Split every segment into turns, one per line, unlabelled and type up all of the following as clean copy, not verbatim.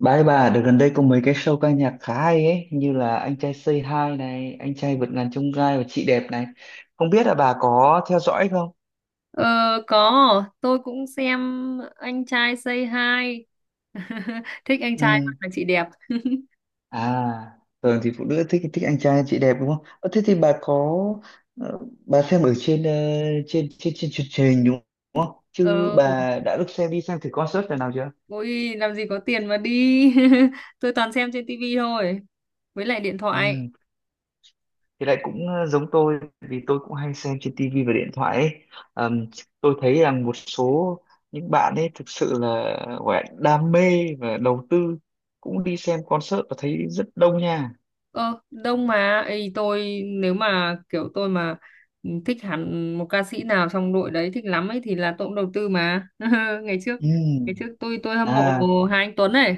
Ba ấy bà, được gần đây có mấy cái show ca nhạc khá hay ấy, như là Anh trai Say Hi này, Anh trai vượt ngàn chông gai và Chị đẹp này. Không biết là bà có theo dõi không?
Ờ, có, tôi cũng xem anh trai Say Hi. Thích anh trai hơn
Ừ.
là chị đẹp.
À, thường thì phụ nữ thích thích anh trai chị đẹp đúng không? Ờ, thế thì bà có ờ, bà xem ở trên trên truyền hình đúng không? Chứ
Ờ,
bà đã được xem đi xem thử concert lần nào chưa?
Ôi, làm gì có tiền mà đi. Tôi toàn xem trên tivi thôi. Với lại điện
Ừ.
thoại.
Thì lại cũng giống tôi vì tôi cũng hay xem trên tivi và điện thoại ấy. Ờm, tôi thấy rằng một số những bạn ấy thực sự là gọi là đam mê và đầu tư, cũng đi xem concert và thấy rất đông nha.
Ờ, Đông mà. Ê, nếu mà kiểu tôi mà thích hẳn một ca sĩ nào trong đội đấy thích lắm ấy thì là tôi cũng đầu tư mà. Ngày trước,
Ừ.
ngày trước, tôi hâm mộ
À,
Hà Anh Tuấn này.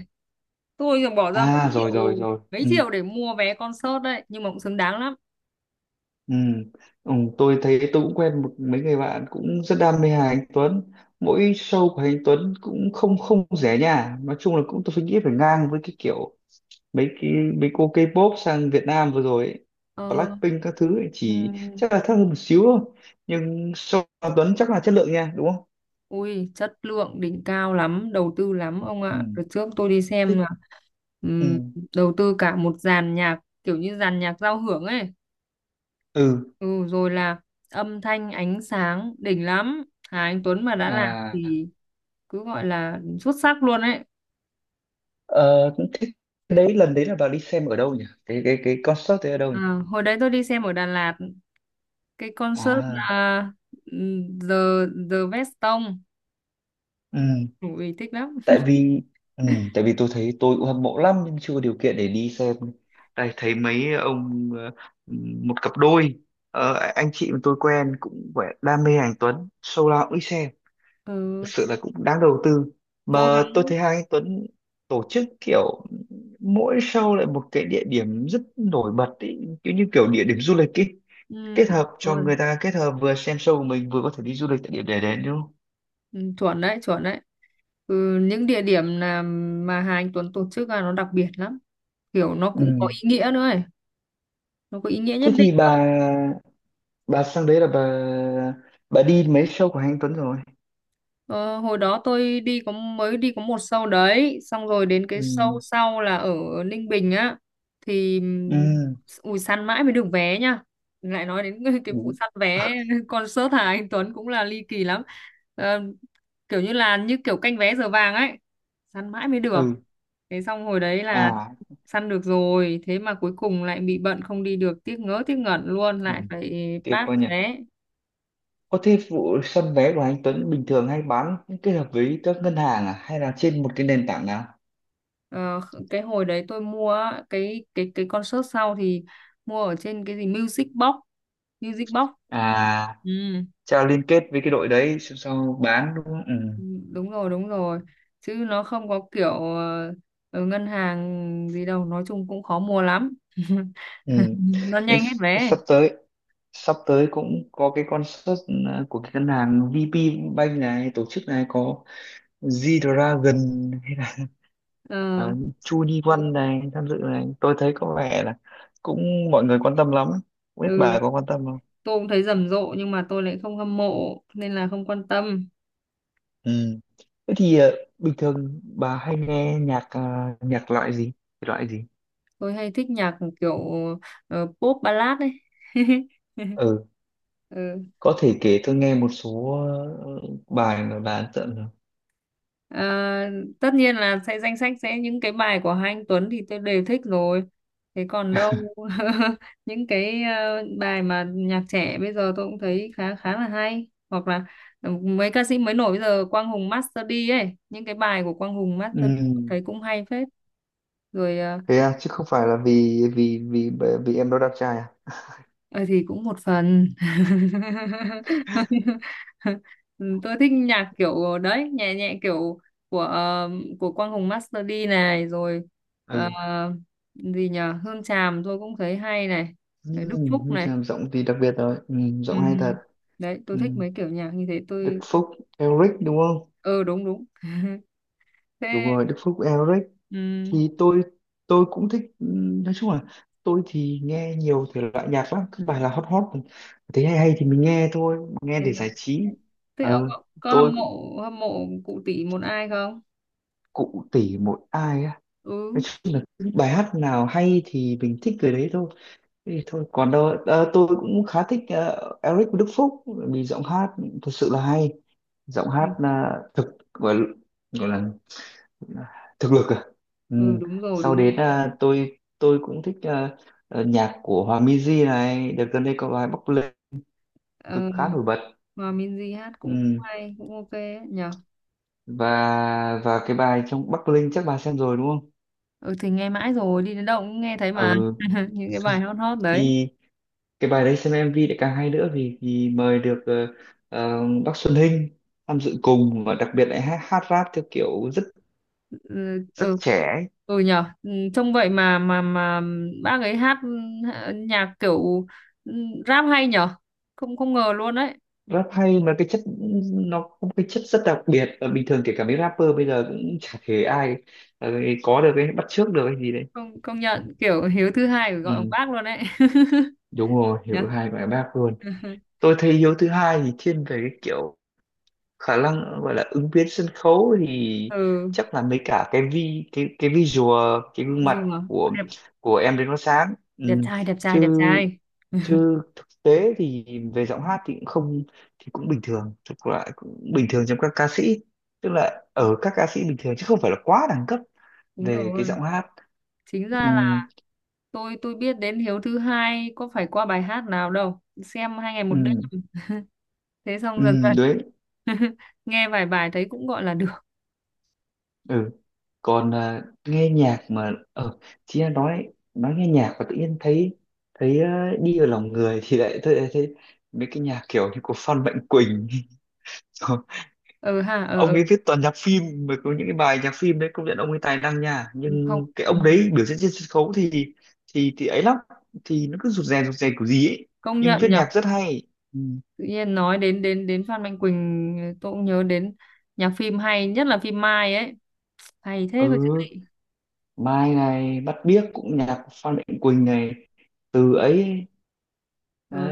Tôi thì bỏ ra mấy
à
triệu
rồi rồi rồi,
mấy
ừ.
triệu để mua vé concert đấy, nhưng mà cũng xứng đáng lắm.
Ừ. Ừ. Tôi thấy tôi cũng quen một mấy người bạn cũng rất đam mê Hà Anh Tuấn. Mỗi show của Hà Anh Tuấn cũng không không rẻ nha, nói chung là cũng, tôi nghĩ phải ngang với cái kiểu mấy cái mấy cô K-pop sang Việt Nam vừa rồi ấy,
ờ,
Blackpink các thứ ấy, chỉ
ừm,
chắc là thấp hơn một xíu thôi, nhưng so với Tuấn chắc là chất lượng nha đúng không.
Ui, chất lượng đỉnh cao lắm, đầu tư lắm ông
Ừ.
ạ. Đợt trước tôi đi xem là
Thích. Ừ.
ừm, đầu tư cả một dàn nhạc kiểu như dàn nhạc giao hưởng ấy.
Ừ.
Ừ, Rồi là âm thanh ánh sáng đỉnh lắm. Hà Anh Tuấn mà đã làm
À.
thì cứ gọi là xuất sắc luôn ấy.
Ờ, cũng thích cái đấy. Lần đấy là bà đi xem ở đâu nhỉ, cái concert đấy ở đâu
à,
nhỉ?
Hồi đấy tôi đi xem ở Đà Lạt, cái concert
À.
là ừm, The The Veston.
Ừ.
Ui thích lắm.
Tại vì, ừ, tại vì tôi thấy tôi cũng hâm mộ lắm nhưng chưa có điều kiện để đi xem. Đây thấy mấy ông, một cặp đôi, anh chị mà tôi quen cũng vẻ đam mê anh Tuấn, show nào cũng đi xem. Thực
Ừ,
sự là cũng đáng đầu tư.
cố
Mà tôi
gắng.
thấy hai anh Tuấn tổ chức kiểu mỗi show lại một cái địa điểm rất nổi bật ý, kiểu như kiểu địa điểm du lịch ý,
Ừ,
kết hợp
đúng
cho
rồi.
người ta kết hợp vừa xem show của mình vừa có thể đi du lịch tại điểm để đến đúng không?
Ừ, chuẩn đấy, chuẩn đấy. Ừ, những địa điểm là mà Hà Anh Tuấn tổ chức là nó đặc biệt lắm, kiểu nó cũng có
Ừ.
ý nghĩa nữa ấy, nó có ý nghĩa nhất
Thế
định.
thì bà sang đấy là bà đi mấy show của Hà anh Tuấn rồi?
Ờ, hồi đó tôi đi có, mới đi có một show đấy xong rồi đến cái
Ừ.
show sau là ở Ninh Bình á, thì
Ừ.
ui săn mãi mới được vé nha. Lại nói đến cái
Ừ.
vụ săn vé concert Hà Anh Tuấn cũng là ly kỳ lắm. Ờ, kiểu như là như kiểu canh vé giờ vàng ấy, săn mãi mới được.
Ừ.
Thế xong hồi đấy là
À.
săn được rồi thế mà cuối cùng lại bị bận không đi được, tiếc ngớ tiếc ngẩn luôn,
Ừ.
lại phải
Tiếc
pass
quá nhỉ.
vé.
Có thế vụ săn vé của anh Tuấn bình thường hay bán kết hợp với các ngân hàng à hay là trên một cái nền tảng nào?
Ờ, cái hồi đấy tôi mua á, cái concert sau thì mua ở trên cái gì Music Box, Music Box.
À,
Ừ.
cha liên kết với cái đội đấy xong sau bán đúng không, ừ.
Ừ, đúng rồi, đúng rồi, chứ nó không có kiểu ở ngân hàng gì đâu, nói chung cũng khó mua lắm.
Ừ.
Nó
Nhưng
nhanh hết vé.
sắp tới sắp tới cũng có cái concert, ờ, của cái ngân hàng VP Bank này tổ chức này, có G-Dragon
Ờ,
à, Chu Ni
ừ,
Văn này tham dự này, tôi thấy có vẻ là cũng mọi người quan tâm lắm. Không biết
ừ,
bà có quan tâm không?
tôi cũng thấy rầm rộ nhưng mà tôi lại không hâm mộ nên là không quan tâm.
Ừ. Thế thì, bình thường bà hay nghe nhạc, nhạc loại gì? Thể loại gì?
Tôi hay thích nhạc kiểu pop ballad ấy.
Ừ,
Ừ.
có thể kể tôi nghe một số, ờ, bài mà bà ấn tượng được.
Ờ, tất nhiên là sẽ danh sách sẽ những cái bài của hai anh Tuấn thì tôi đều thích rồi. Thế còn đâu những cái bài mà nhạc trẻ bây giờ tôi cũng thấy khá khá là hay, hoặc là mấy ca sĩ mới nổi bây giờ Quang Hùng Master D ấy, những cái bài của Quang Hùng Master D tôi
Ừ.
thấy cũng hay phết. Rồi ờ,
Thế à, chứ không phải là vì vì vì bởi vì em đó đẹp trai à?
Ờ thì cũng một phần. Tôi thích nhạc kiểu đấy, nhẹ nhẹ kiểu của ờ, của Quang Hùng Master D này, rồi ờ,
Ừ.
gì nhờ Hương Tràm tôi cũng thấy hay này,
Ừ.
Đức Phúc
Như
này.
làm giọng thì đặc biệt rồi, ừ. Giọng hay thật.
Ừm, đấy tôi
Ừ.
thích mấy kiểu nhạc như thế.
Đức
Tôi
Phúc, Eric đúng không?
ừ, đúng đúng.
Đúng
Thế
rồi, Đức Phúc, Eric.
ừm,
Thì tôi cũng thích, nói chung là tôi thì nghe nhiều thể loại nhạc lắm, cứ bài là hot hot, thấy hay hay thì mình nghe thôi, nghe
thế,
để
là-
giải trí.
thế ông
Ờ,
có
tôi
hâm
cũng,
mộ hâm mộ cụ tỷ một ai không?
cụ tỉ một ai á,
Ừ,
nói chung là cứ bài hát nào hay thì mình thích người đấy thôi. Thế thì thôi còn đâu, ờ, tôi cũng khá thích, ờ, Eric Đức Phúc bởi vì giọng hát thật sự là hay. Giọng hát là thực, gọi gọi là thực lực, à, ừ.
ừ, đúng rồi
Sau
đúng.
đến à, tôi cũng thích, à, à, nhạc của Hòa Minzy này, đợt gần đây có bài Bắc Linh cực khá
Ờ,
nổi bật.
Hòa Minzy hát cũng
Ừ.
hay, cũng ok ấy, nhở.
Và cái bài trong Bắc Linh chắc bà xem rồi đúng không?
Ừ thì nghe mãi rồi, đi đến đâu cũng nghe thấy mà.
Ừ
Những cái bài hot hot đấy.
thì cái bài đấy xem MV lại càng hay nữa, vì vì mời được, bác Xuân Hinh tham dự cùng, và đặc biệt lại hát, hát rap theo kiểu rất
Ừ,
rất
ừ,
trẻ ấy.
ừ nhở, ừ, trông vậy mà bác ấy hát, nhạc kiểu ừ, rap hay nhở, không không ngờ luôn đấy.
Rap hay mà cái chất, nó có một cái chất rất đặc biệt, và bình thường kể cả mấy rapper bây giờ cũng chả thể ai, ờ, có được cái bắt chước được cái gì đấy.
Công công nhận, kiểu Hiếu Thứ Hai phải gọi bằng
Ừ,
bác luôn đấy.
đúng rồi, hiểu
Nhở.
hai bài bác luôn. Tôi thấy Hiếu thứ hai thì thiên về cái kiểu khả năng gọi là ứng biến sân khấu thì
Ừ,
chắc là mấy cả cái vi cái visual cái gương mặt
dù là
của
đẹp,
của em đến nó sáng,
đẹp
ừ.
trai đẹp trai
chứ
đẹp trai
chứ thực tế thì về giọng hát thì cũng không, thì cũng bình thường, thực lại cũng bình thường trong các ca sĩ, tức là ở các ca sĩ bình thường chứ không phải là quá đẳng cấp
Đúng
về cái
rồi.
giọng hát.
Chính
Ừ,
ra là tôi biết đến Hiếu Thứ Hai có phải qua bài hát nào đâu, xem hai ngày một đêm,
ừ,
thế xong dần
ừ,
dần nghe vài bài thấy cũng gọi là được.
ừ. Còn à, nghe nhạc mà, ờ, chị đã nói, nghe nhạc và tự nhiên thấy, à, đi vào lòng người thì lại thấy, thấy mấy cái nhạc kiểu như của Phan Mạnh Quỳnh Rồi,
Ừ ha,
ông
ừ,
ấy viết toàn nhạc phim, mà có những cái bài nhạc phim đấy công nhận ông ấy tài năng nha,
ừ. Không,
nhưng cái
ừ.
ông đấy biểu diễn trên sân khấu thì ấy lắm, thì nó cứ rụt rè kiểu gì ấy,
Công
nhưng
nhận
viết
nhở.
nhạc rất hay. Ừ.
Tự nhiên nói đến đến đến Phan Mạnh Quỳnh tôi cũng nhớ đến nhạc phim, hay nhất là phim Mai ấy, hay thế cơ
Ừ,
chứ.
Mai này, Bắt Biếc cũng nhạc của Phan Mạnh Quỳnh này, từ ấy
Ừ.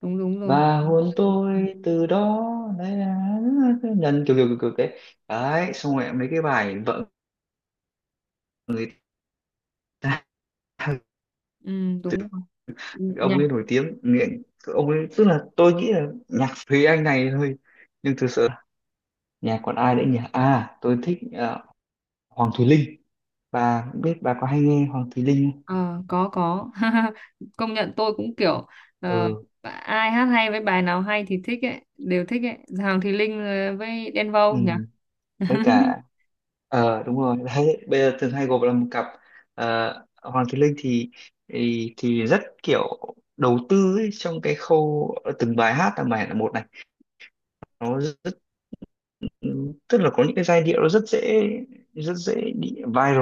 Đúng đúng rồi.
và
Ừ,
hôn
ừ, ừ,
tôi từ đó. Đấy là nhân kiểu kiểu kiểu kiểu thế. Đấy xong rồi mấy cái bài vợ người ta.
ừ,
Từ
đúng rồi.
ông
Nhạc
ấy nổi tiếng nghiện, ông ấy tức là tôi nghĩ là nhạc Thúy Anh này thôi, nhưng thực sự nhạc còn ai nữa nhỉ, à tôi thích, ờ, Hoàng Thùy Linh. Bà biết, bà có hay nghe Hoàng Thùy Linh không?
Ờ, có có. Công nhận tôi cũng kiểu ờ,
Ừ,
ai hát hay với bài nào hay thì thích ấy, đều thích ấy. Hoàng Thùy Linh với Đen
ừ.
Vâu nhỉ.
Với cả, ờ đúng rồi đấy, bây giờ thường hay gộp là một cặp. Ờ, Hoàng Thùy Linh thì, rất kiểu đầu tư ấy, trong cái khâu, ờ, từng bài hát là bài là một này, nó rất, tức là có những cái giai điệu nó rất dễ, bị viral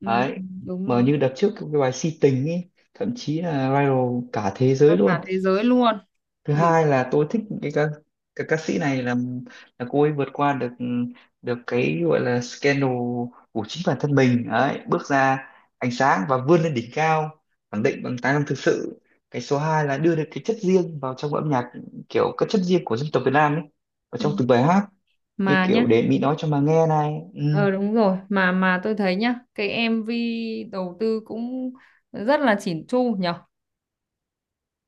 Ừ,
đấy.
đúng
Mà
rồi.
như đợt trước cái bài Si Tình ấy, thậm chí là viral cả thế
Ra
giới luôn.
cả thế giới luôn.
Thứ
Đỉnh.
hai là tôi thích cái ca, cái ca sĩ này là cô ấy vượt qua được, được cái gọi là scandal của chính bản thân mình đấy, bước ra ánh sáng và vươn lên đỉnh cao, khẳng định bằng tài năng thực sự. Cái số 2 là đưa được cái chất riêng vào trong âm nhạc, kiểu cái chất riêng của dân tộc Việt Nam ấy, ở
Ừ.
trong từng bài hát, như
Mà nhá,
kiểu để Mỹ nói cho mà nghe này, ừ,
ờ đúng rồi, mà tôi thấy nhá cái MV đầu tư cũng rất là chỉn chu nhỉ.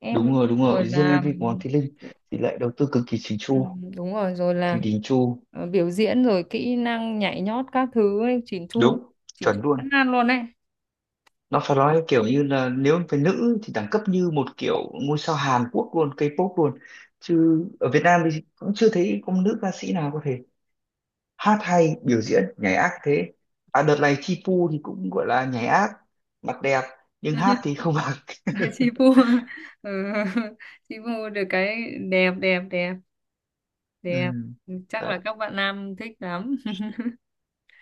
MV
đúng rồi đúng
rồi
rồi. Riêng
là.
MV của Hoàng Thị Linh thì lại đầu tư cực kỳ chỉnh chu,
Ừ, đúng rồi, rồi
kỳ
là
đình chu.
biểu diễn rồi kỹ năng nhảy nhót các thứ ấy, chỉn chu,
Đúng,
chỉn
chuẩn
chu ăn
luôn.
nan luôn đấy.
Nó phải nói kiểu như là nếu về nữ thì đẳng cấp như một kiểu ngôi sao Hàn Quốc luôn, K-pop luôn. Chứ ở Việt Nam thì cũng chưa thấy có nữ ca sĩ nào có thể hát hay biểu diễn nhảy ác thế. À đợt này Chi Pu thì cũng gọi là nhảy ác, mặt đẹp, nhưng hát thì không bằng.
Chị Pu. Ừ, chị Pu được cái đẹp, đẹp.
Ừ.
Ừ, chắc
Đấy.
là các bạn nam thích lắm.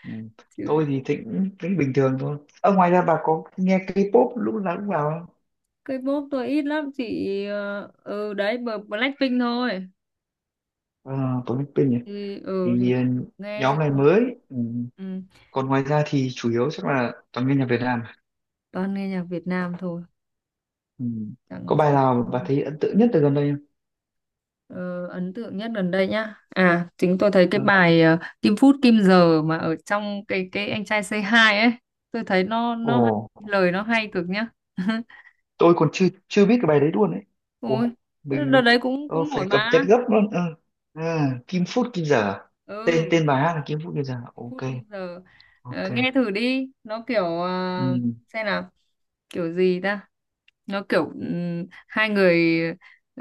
Ừ.
Chứ
Tôi thì thịnh, thỉnh bình thường thôi. Ở ngoài ra bà có nghe K-pop lúc nào cũng vào không?
K-pop tôi ít lắm chị. Ờ, ừ đấy, bờ- Blackpink thôi.
À, tôi biết tên nhỉ,
Thì ừ
thì ừ,
nghe chứ
nhóm này
còn-
mới. Ừ.
ừ,
Còn ngoài ra thì chủ yếu chắc là toàn nghe nhạc Việt Nam.
toàn nghe nhạc Việt Nam thôi,
Ừ.
chẳng
Có bài nào bà
chẳng-
thấy ấn tượng nhất từ gần đây không?
Ờ, ấn tượng nhất gần đây nhá. À, chính tôi thấy cái
Ờ.
bài Kim Phút Kim Giờ mà ở trong cái anh trai Say Hi ấy, tôi thấy nó
Ồ,
nó hay, lời nó hay cực nhá.
tôi còn chưa chưa biết cái bài đấy luôn ấy.
Ôi,
Ồ,
đợt
mình,
đấy cũng
ờ,
cũng
phải
nổi
cập nhật
mà.
gấp luôn. Ờ. À, Kim Phút Kim Giờ, à?
Ừ,
Tên Tên bài hát là Kim Phút Kim Giờ.
Kim Phút
Ok,
Kim Giờ. Ờ,
ok.
nghe thử đi, nó kiểu
Ừ.
xem nào, kiểu gì ta? Nó kiểu hai người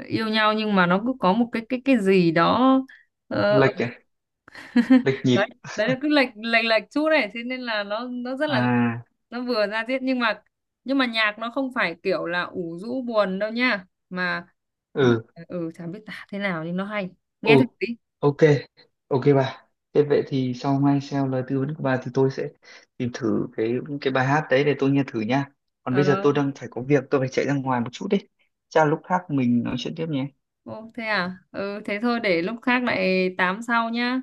yêu nhau nhưng mà nó cứ có một cái gì đó, ờ.
Lệch à? Lệch
Đấy,
nhịp.
đấy là cứ lệch lệch lệch chút này, thế nên là nó rất là,
À,
nó vừa ra diết nhưng mà, nhưng mà nhạc nó không phải kiểu là ủ rũ buồn đâu nha, mà
ừ.
ừ chả biết tả thế nào nhưng nó hay. Nghe thử
Ồ,
đi.
ok, ok bà. Thế vậy thì sau ngay theo lời tư vấn của bà thì tôi sẽ tìm thử cái bài hát đấy để tôi nghe thử nha. Còn
Ờ,
bây giờ tôi đang phải có việc, tôi phải chạy ra ngoài một chút đấy. Chắc là lúc khác mình nói chuyện tiếp nhé.
ô thế à, ừ thế thôi, để lúc khác lại tám sau nhá.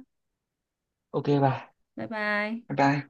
Ok bà,
Bye bye.
bye bye.